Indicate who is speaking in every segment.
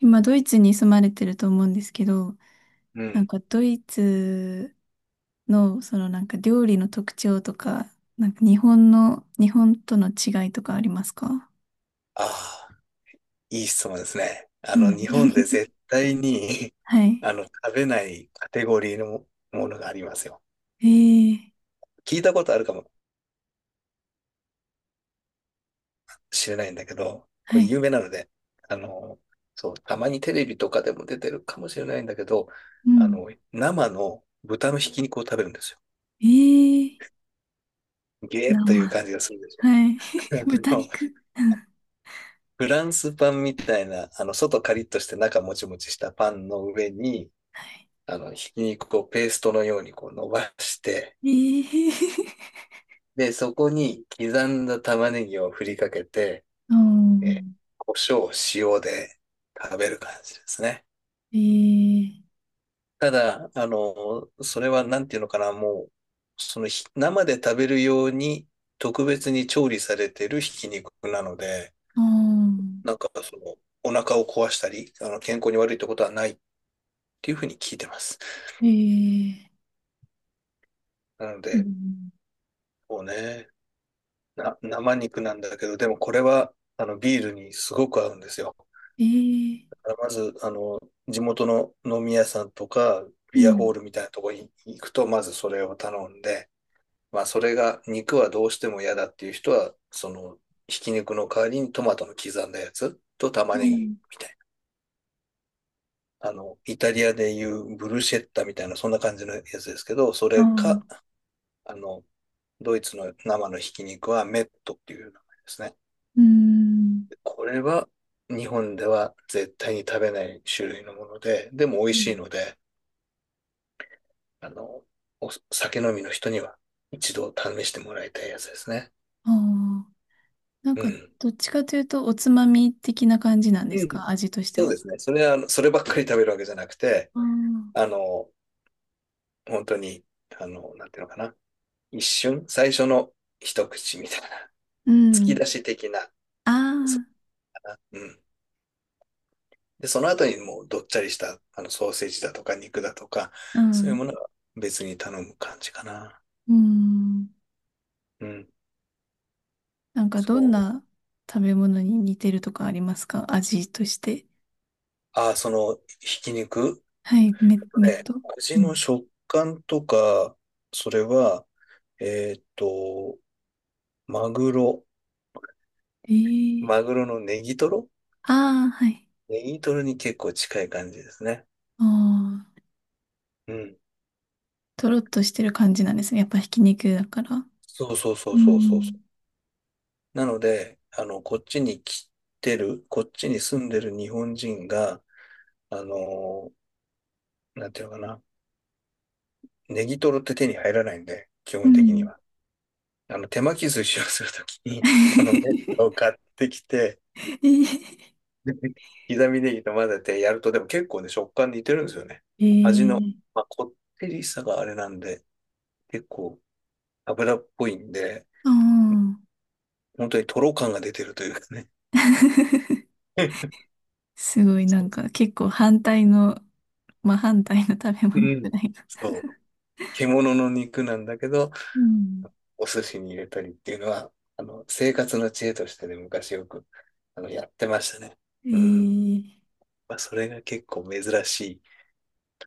Speaker 1: 今、ドイツに住まれてると思うんですけど、
Speaker 2: う
Speaker 1: なん
Speaker 2: ん。
Speaker 1: かドイツのそのなんか料理の特徴とか、なんか日本の、日本との違いとかありますか？
Speaker 2: ああ、いい質問ですね。
Speaker 1: うん。
Speaker 2: 日本で 絶対に
Speaker 1: は い。
Speaker 2: 食べないカテゴリーのものがありますよ。
Speaker 1: ええ。
Speaker 2: 聞いたことあるかもしれないんだけど、こ
Speaker 1: は
Speaker 2: れ
Speaker 1: い。
Speaker 2: 有名なので、あの、そう、たまにテレビとかでも出てるかもしれないんだけど、
Speaker 1: うん。
Speaker 2: 生の豚のひき肉を食べるんですよ。
Speaker 1: ええ。
Speaker 2: ゲーッという
Speaker 1: 生。
Speaker 2: 感じがするでしょ。
Speaker 1: はい。豚
Speaker 2: あの
Speaker 1: 肉。うん。
Speaker 2: フランスパンみたいな、外カリッとして中もちもちしたパンの上に、
Speaker 1: は
Speaker 2: ひき肉をペーストのようにこう伸ばして、
Speaker 1: い。ええ。
Speaker 2: で、そこに刻んだ玉ねぎを振りかけて、
Speaker 1: う
Speaker 2: えー、
Speaker 1: ん。
Speaker 2: 胡椒、塩で食べる感じですね。
Speaker 1: ええ。
Speaker 2: ただ、それはなんていうのかな、もう、その生で食べるように特別に調理されてるひき肉なので、
Speaker 1: うん。
Speaker 2: なんかその、お腹を壊したり、健康に悪いってことはないっていうふうに聞いてます。
Speaker 1: ええ。
Speaker 2: なの
Speaker 1: う
Speaker 2: で、
Speaker 1: ん。
Speaker 2: こうね、生肉なんだけど、でもこれは、ビールにすごく合うんですよ。
Speaker 1: ええ。
Speaker 2: まず、地元の飲み屋さんとか、
Speaker 1: う
Speaker 2: ビアホー
Speaker 1: ん。
Speaker 2: ルみたいなところに行くと、まずそれを頼んで、まあ、それが、肉はどうしても嫌だっていう人は、その、ひき肉の代わりにトマトの刻んだやつと玉
Speaker 1: う
Speaker 2: ねぎみ
Speaker 1: ん。
Speaker 2: たいな。イタリアでいうブルシェッタみたいな、そんな感じのやつですけど、そ
Speaker 1: ああ。
Speaker 2: れか、あの、ドイツの生のひき肉はメットっていう名前ですね。
Speaker 1: うん。
Speaker 2: これは日本では絶対に食べない種類のもので、でも美味
Speaker 1: う
Speaker 2: しい
Speaker 1: ん。
Speaker 2: ので、あの、お酒飲みの人には一度試してもらいたいやつですね。
Speaker 1: ああ、なん
Speaker 2: う
Speaker 1: か、
Speaker 2: ん。
Speaker 1: どっちかというと、おつまみ的な感じなんで
Speaker 2: う
Speaker 1: す
Speaker 2: ん。
Speaker 1: か？味として
Speaker 2: そうで
Speaker 1: は。
Speaker 2: すね。それは、そればっかり食べるわけじゃなくて、
Speaker 1: ああ、
Speaker 2: あの、本当に、なんていうのかな。一瞬、最初の一口みたいな、
Speaker 1: う
Speaker 2: 突き
Speaker 1: ん。
Speaker 2: 出し的な、そ
Speaker 1: ああ、
Speaker 2: う、うん。で、その後にもうどっちゃりした、ソーセージだとか肉だとか、
Speaker 1: う
Speaker 2: そういうも
Speaker 1: ん。
Speaker 2: のは別に頼む感じかな。
Speaker 1: うん。
Speaker 2: うん。
Speaker 1: なんか、どん
Speaker 2: そう。
Speaker 1: な食べ物に似てるとかありますか？味として。
Speaker 2: ああ、その、ひき肉
Speaker 1: はい、め、めっ
Speaker 2: ね
Speaker 1: と。う
Speaker 2: 味の
Speaker 1: ん。
Speaker 2: 食感とか、それは、えーっと、マグロ、
Speaker 1: え
Speaker 2: マグ
Speaker 1: え。
Speaker 2: ロのネギトロ
Speaker 1: ああ、はい。
Speaker 2: に結構近い感じですね。
Speaker 1: ああ、
Speaker 2: うん。
Speaker 1: とろっとしてる感じなんですね。やっぱひき肉だから。
Speaker 2: そうそうそ
Speaker 1: う
Speaker 2: うそうそうそ
Speaker 1: ん。
Speaker 2: う。なので、こっちに住んでる日本人が、あのーなんていうのかな、ネギトロって手に入らないんで、基
Speaker 1: う
Speaker 2: 本的に
Speaker 1: ん。
Speaker 2: は。手巻き寿司をするとき に、このネッ
Speaker 1: え
Speaker 2: トを買ってきて、
Speaker 1: え。
Speaker 2: 刻みネギと混ぜてやると、でも結構ね、食感似てるんですよね。味の、
Speaker 1: ええ。
Speaker 2: まあ、こってりさがあれなんで、結構油っぽいんで、
Speaker 1: ああ。
Speaker 2: 本当にとろ感が出てるというかね。
Speaker 1: すごいな
Speaker 2: そ
Speaker 1: んか結構反対の、まあ反対の食べ
Speaker 2: う。
Speaker 1: 物
Speaker 2: う
Speaker 1: ぐ
Speaker 2: ん。
Speaker 1: らいな。
Speaker 2: そう。獣の肉なんだけど、
Speaker 1: うん。
Speaker 2: お寿司に入れたりっていうのは、生活の知恵としてね、昔よく、やってましたね。うん。
Speaker 1: ええ。
Speaker 2: まあ、それが結構珍しい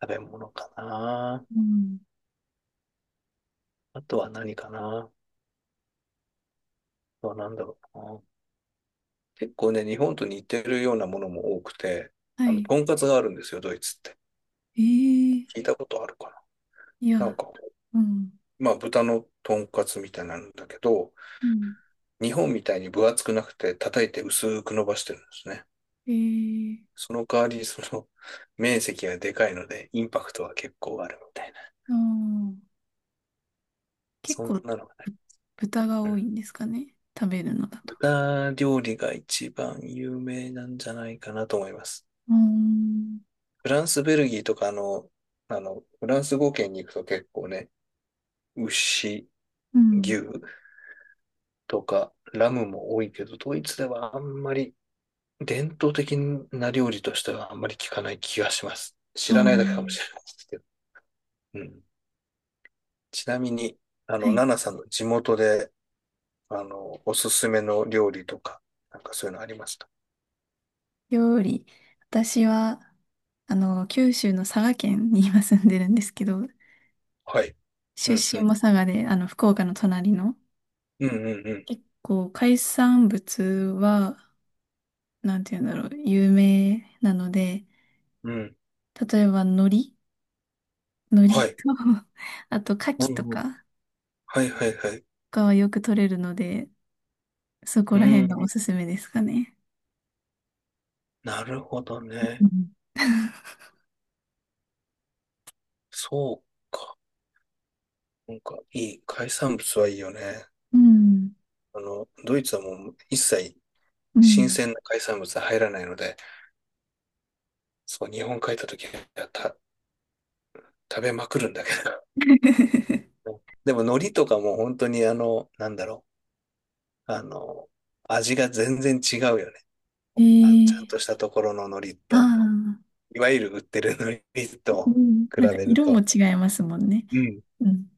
Speaker 2: 食べ物かな。
Speaker 1: うん。
Speaker 2: あとは何かな。あとは何だろうな。結構ね、日本と似てるようなものも多くて、
Speaker 1: はい。
Speaker 2: とんかつがあるんですよ、ドイツって。
Speaker 1: ええ。
Speaker 2: 聞いたことあるか
Speaker 1: い
Speaker 2: な？なん
Speaker 1: や、
Speaker 2: か、
Speaker 1: うん。
Speaker 2: まあ、豚のとんかつみたいなんだけど、
Speaker 1: うん。
Speaker 2: 日本みたいに分厚くなくて、叩いて薄く伸ばしてるんですね。
Speaker 1: ええ。
Speaker 2: その代わり、その、面積がでかいので、インパクトは結構あるみたいな。
Speaker 1: ああ、結
Speaker 2: そん
Speaker 1: 構、
Speaker 2: なのがない。
Speaker 1: ぶ豚が
Speaker 2: う
Speaker 1: 多
Speaker 2: ん。
Speaker 1: いんですかね。食べるのだと。
Speaker 2: 豚料理が一番有名なんじゃないかなと思います。
Speaker 1: うーん。
Speaker 2: フランス、ベルギーとかフランス語圏に行くと結構ね、牛、
Speaker 1: うん。
Speaker 2: 牛とかラムも多いけど、ドイツではあんまり伝統的な料理としてはあんまり聞かない気がします。知
Speaker 1: あ
Speaker 2: らないだけかも
Speaker 1: あ、
Speaker 2: しれないですけど。うん。ちなみに、
Speaker 1: はい。
Speaker 2: ナナさんの地元で、おすすめの料理とか、なんかそういうのありました？
Speaker 1: 料理。私は、あの、九州の佐賀県に今住んでるんですけど、
Speaker 2: はい。う
Speaker 1: 出
Speaker 2: ん、う
Speaker 1: 身も
Speaker 2: ん。
Speaker 1: 佐賀で、あの、福岡の隣の
Speaker 2: うん、うん、う
Speaker 1: 結構海産物は、なんて言うんだろう、有名なので、
Speaker 2: ん。うん。
Speaker 1: 例えば海苔、海
Speaker 2: は
Speaker 1: 苔
Speaker 2: い。
Speaker 1: と、あと牡
Speaker 2: う
Speaker 1: 蠣と
Speaker 2: ん。うん。
Speaker 1: か
Speaker 2: はい、はい、はい。
Speaker 1: がはよく取れるので、そこ
Speaker 2: う
Speaker 1: ら辺がお
Speaker 2: ん。
Speaker 1: すすめですかね。
Speaker 2: なるほどね。
Speaker 1: う
Speaker 2: そうか。なんか、いい。海産物はいいよね。
Speaker 1: ん。
Speaker 2: ドイツはもう一切
Speaker 1: う
Speaker 2: 新
Speaker 1: ん。
Speaker 2: 鮮な海産物は入らないので、そう、日本帰った時は食べまくるんだけ
Speaker 1: え。
Speaker 2: ど。でも海苔とかも本当になんだろう、味が全然違うよね。
Speaker 1: え
Speaker 2: ちゃん
Speaker 1: ー。
Speaker 2: としたところの海苔
Speaker 1: あ
Speaker 2: と、
Speaker 1: あ。
Speaker 2: いわゆる売ってる海苔
Speaker 1: う
Speaker 2: と
Speaker 1: ん。
Speaker 2: 比
Speaker 1: なんか
Speaker 2: べる
Speaker 1: 色も
Speaker 2: と。
Speaker 1: 違いますもんね。
Speaker 2: うん。
Speaker 1: うん。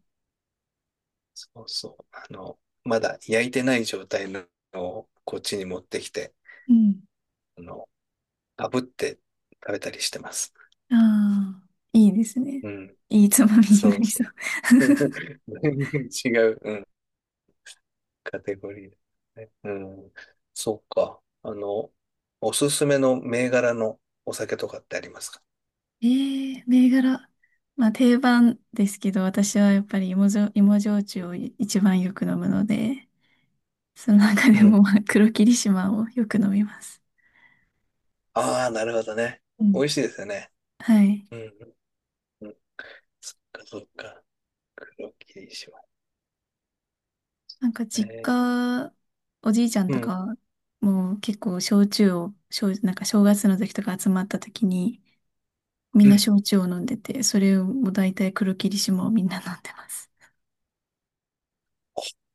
Speaker 2: そうそう。まだ焼いてない状態のをこっちに持ってきて、
Speaker 1: うん。
Speaker 2: あの、炙って食べたりしてます。
Speaker 1: ああ、いいですね。
Speaker 2: うん。
Speaker 1: いいつまみに
Speaker 2: そ
Speaker 1: な
Speaker 2: う
Speaker 1: り
Speaker 2: そ
Speaker 1: そ
Speaker 2: う。
Speaker 1: う。
Speaker 2: 全然違う。うん。カテゴリーだね。うん。そっか。おすすめの銘柄のお酒とかってありますか？
Speaker 1: ええ。銘柄。まあ定番ですけど、私はやっぱり芋焼、芋焼酎を一番よく飲むので、その中
Speaker 2: う
Speaker 1: で
Speaker 2: ん。
Speaker 1: もまあ黒霧島をよく飲みます。
Speaker 2: ああ、なるほどね。
Speaker 1: うん。
Speaker 2: 美味しいですよね。
Speaker 1: はい。
Speaker 2: うん。うん。そっか、そっか。黒霧島
Speaker 1: なんか実
Speaker 2: ね。
Speaker 1: 家、おじいちゃん
Speaker 2: う
Speaker 1: と
Speaker 2: ん。
Speaker 1: かも結構焼酎を、焼なんか正月の時とか集まった時にみん
Speaker 2: う
Speaker 1: な
Speaker 2: ん。
Speaker 1: 焼酎を飲んでて、それをもう大体黒霧島をみんな飲んでます。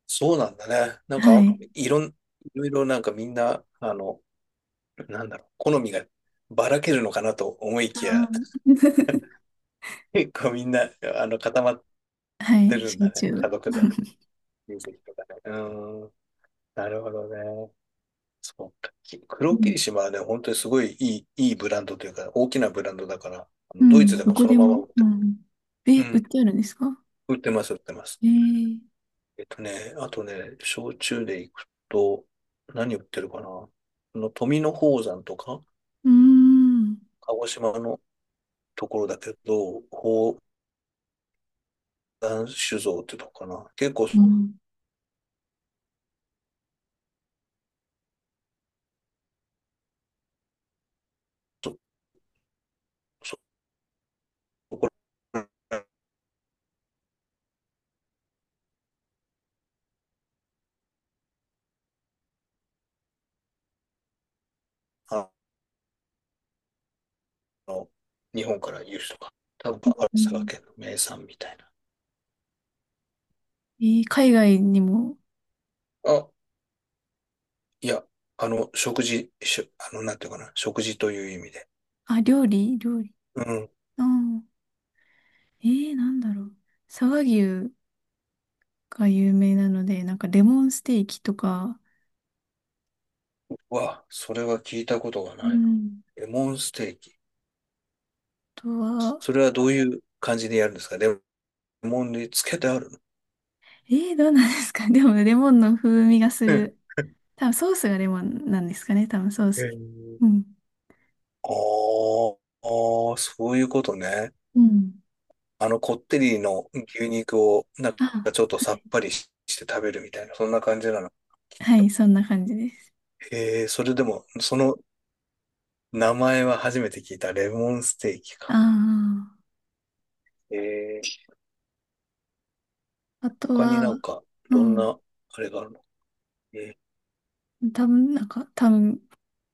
Speaker 2: そうなんだね。なん
Speaker 1: は
Speaker 2: か、
Speaker 1: い。
Speaker 2: いろいろなんかみんな、なんだろう、好みがばらけるのかなと思い
Speaker 1: あ
Speaker 2: きや、
Speaker 1: ー。
Speaker 2: 結構みんな、固まっ
Speaker 1: は
Speaker 2: て
Speaker 1: い、
Speaker 2: るん
Speaker 1: 焼
Speaker 2: だね。
Speaker 1: 酎
Speaker 2: 家
Speaker 1: を。
Speaker 2: 族で、親戚とかね。なるほどね。そうか。
Speaker 1: う
Speaker 2: 黒霧
Speaker 1: ん。
Speaker 2: 島はね、本当にすごいいいブランドというか、大きなブランドだから、
Speaker 1: う
Speaker 2: ドイ
Speaker 1: ん、
Speaker 2: ツで
Speaker 1: ど
Speaker 2: も
Speaker 1: こ
Speaker 2: その
Speaker 1: で
Speaker 2: まま売っ
Speaker 1: も。う
Speaker 2: て、
Speaker 1: ん。え、
Speaker 2: う
Speaker 1: 売っ
Speaker 2: ん、
Speaker 1: てあるんですか？
Speaker 2: 売ってます、売ってます。
Speaker 1: えー、
Speaker 2: ね、あとね、焼酎で行くと、何売ってるかな？富野宝山とか、
Speaker 1: うーん。
Speaker 2: 鹿児島のところだけど、宝山酒造ってとこかな。結構、
Speaker 1: うん。
Speaker 2: そこら、あの、日本から輸出とか、多分、ある
Speaker 1: う
Speaker 2: 佐賀
Speaker 1: ん。
Speaker 2: 県の名産みたいな。
Speaker 1: えー、海外にも、
Speaker 2: あ、いや、食事、なんていうかな、食事という意味で。
Speaker 1: あ、料理料理。
Speaker 2: うん。
Speaker 1: ああ、えー、なんだろう。佐賀牛が有名なので、なんかレモンステーキとか、
Speaker 2: わ、それは聞いたことが
Speaker 1: う
Speaker 2: ない。
Speaker 1: ん。
Speaker 2: レモンステーキ。
Speaker 1: あとは、
Speaker 2: それはどういう感じでやるんですか？レモンにつけてあるの？
Speaker 1: えー、どうなんですか？ でも、レモンの風味がす
Speaker 2: う
Speaker 1: る。
Speaker 2: ん。
Speaker 1: 多分、ソースがレモンなんですかね？多分、ソー
Speaker 2: へ
Speaker 1: ス。
Speaker 2: ー
Speaker 1: うん。
Speaker 2: あーあー、そういうことね。
Speaker 1: うん。
Speaker 2: こってりの牛肉を、なんか
Speaker 1: あ、
Speaker 2: ちょっと
Speaker 1: は
Speaker 2: さ
Speaker 1: い。
Speaker 2: っぱりして食べるみたいな、そんな感じなの。
Speaker 1: はい、そんな感じです。
Speaker 2: へえー、それでも、その名前は初めて聞いた。レモンステーキ
Speaker 1: あ
Speaker 2: か。
Speaker 1: あ。
Speaker 2: へえー、
Speaker 1: あと
Speaker 2: 他に
Speaker 1: は、
Speaker 2: なんか、
Speaker 1: う
Speaker 2: どん
Speaker 1: ん、
Speaker 2: な、あれがあるの？えー
Speaker 1: 多分、なんか、多分、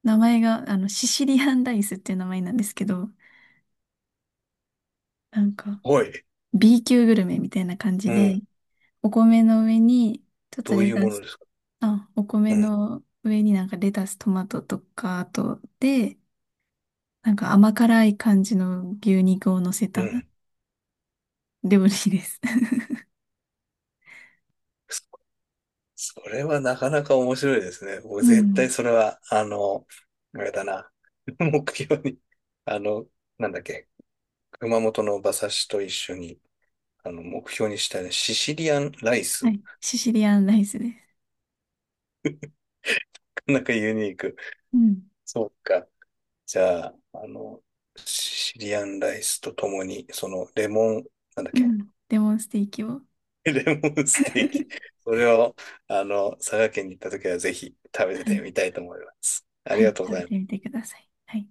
Speaker 1: 名前が、あの、シシリアンライスっていう名前なんですけど、なんか、
Speaker 2: はい。
Speaker 1: B 級グルメみたいな感じ
Speaker 2: う
Speaker 1: で、
Speaker 2: ん。
Speaker 1: お米の上に、ちょっと
Speaker 2: どうい
Speaker 1: レ
Speaker 2: う
Speaker 1: タ
Speaker 2: もの
Speaker 1: ス、
Speaker 2: ですか？
Speaker 1: あ、お
Speaker 2: う
Speaker 1: 米
Speaker 2: ん。
Speaker 1: の上になんかレタス、トマトとか、あと、で、なんか甘辛い感じの牛肉を乗せ
Speaker 2: う
Speaker 1: た
Speaker 2: ん。
Speaker 1: 料理です。
Speaker 2: そそれはなかなか面白いですね。僕
Speaker 1: う
Speaker 2: 絶対
Speaker 1: ん。
Speaker 2: それは、あれだな。目標に、あの、なんだっけ、熊本の馬刺しと一緒に、目標にしたいシシリアンライ
Speaker 1: は
Speaker 2: ス。
Speaker 1: い。シシリアンライスです。
Speaker 2: なんかユニーク。
Speaker 1: うん。
Speaker 2: そうか。じゃあ、シシリアンライスとともに、その、レモン、なんだっ
Speaker 1: う
Speaker 2: け、
Speaker 1: ん。レモンステーキを。
Speaker 2: レモンステーキ。それを、佐賀県に行った時はぜひ食べ
Speaker 1: は
Speaker 2: て
Speaker 1: い。
Speaker 2: みたいと思います。あ
Speaker 1: は
Speaker 2: りが
Speaker 1: い。
Speaker 2: とうご
Speaker 1: 食
Speaker 2: ざ
Speaker 1: べ
Speaker 2: いま
Speaker 1: て
Speaker 2: す。
Speaker 1: みてください。はい。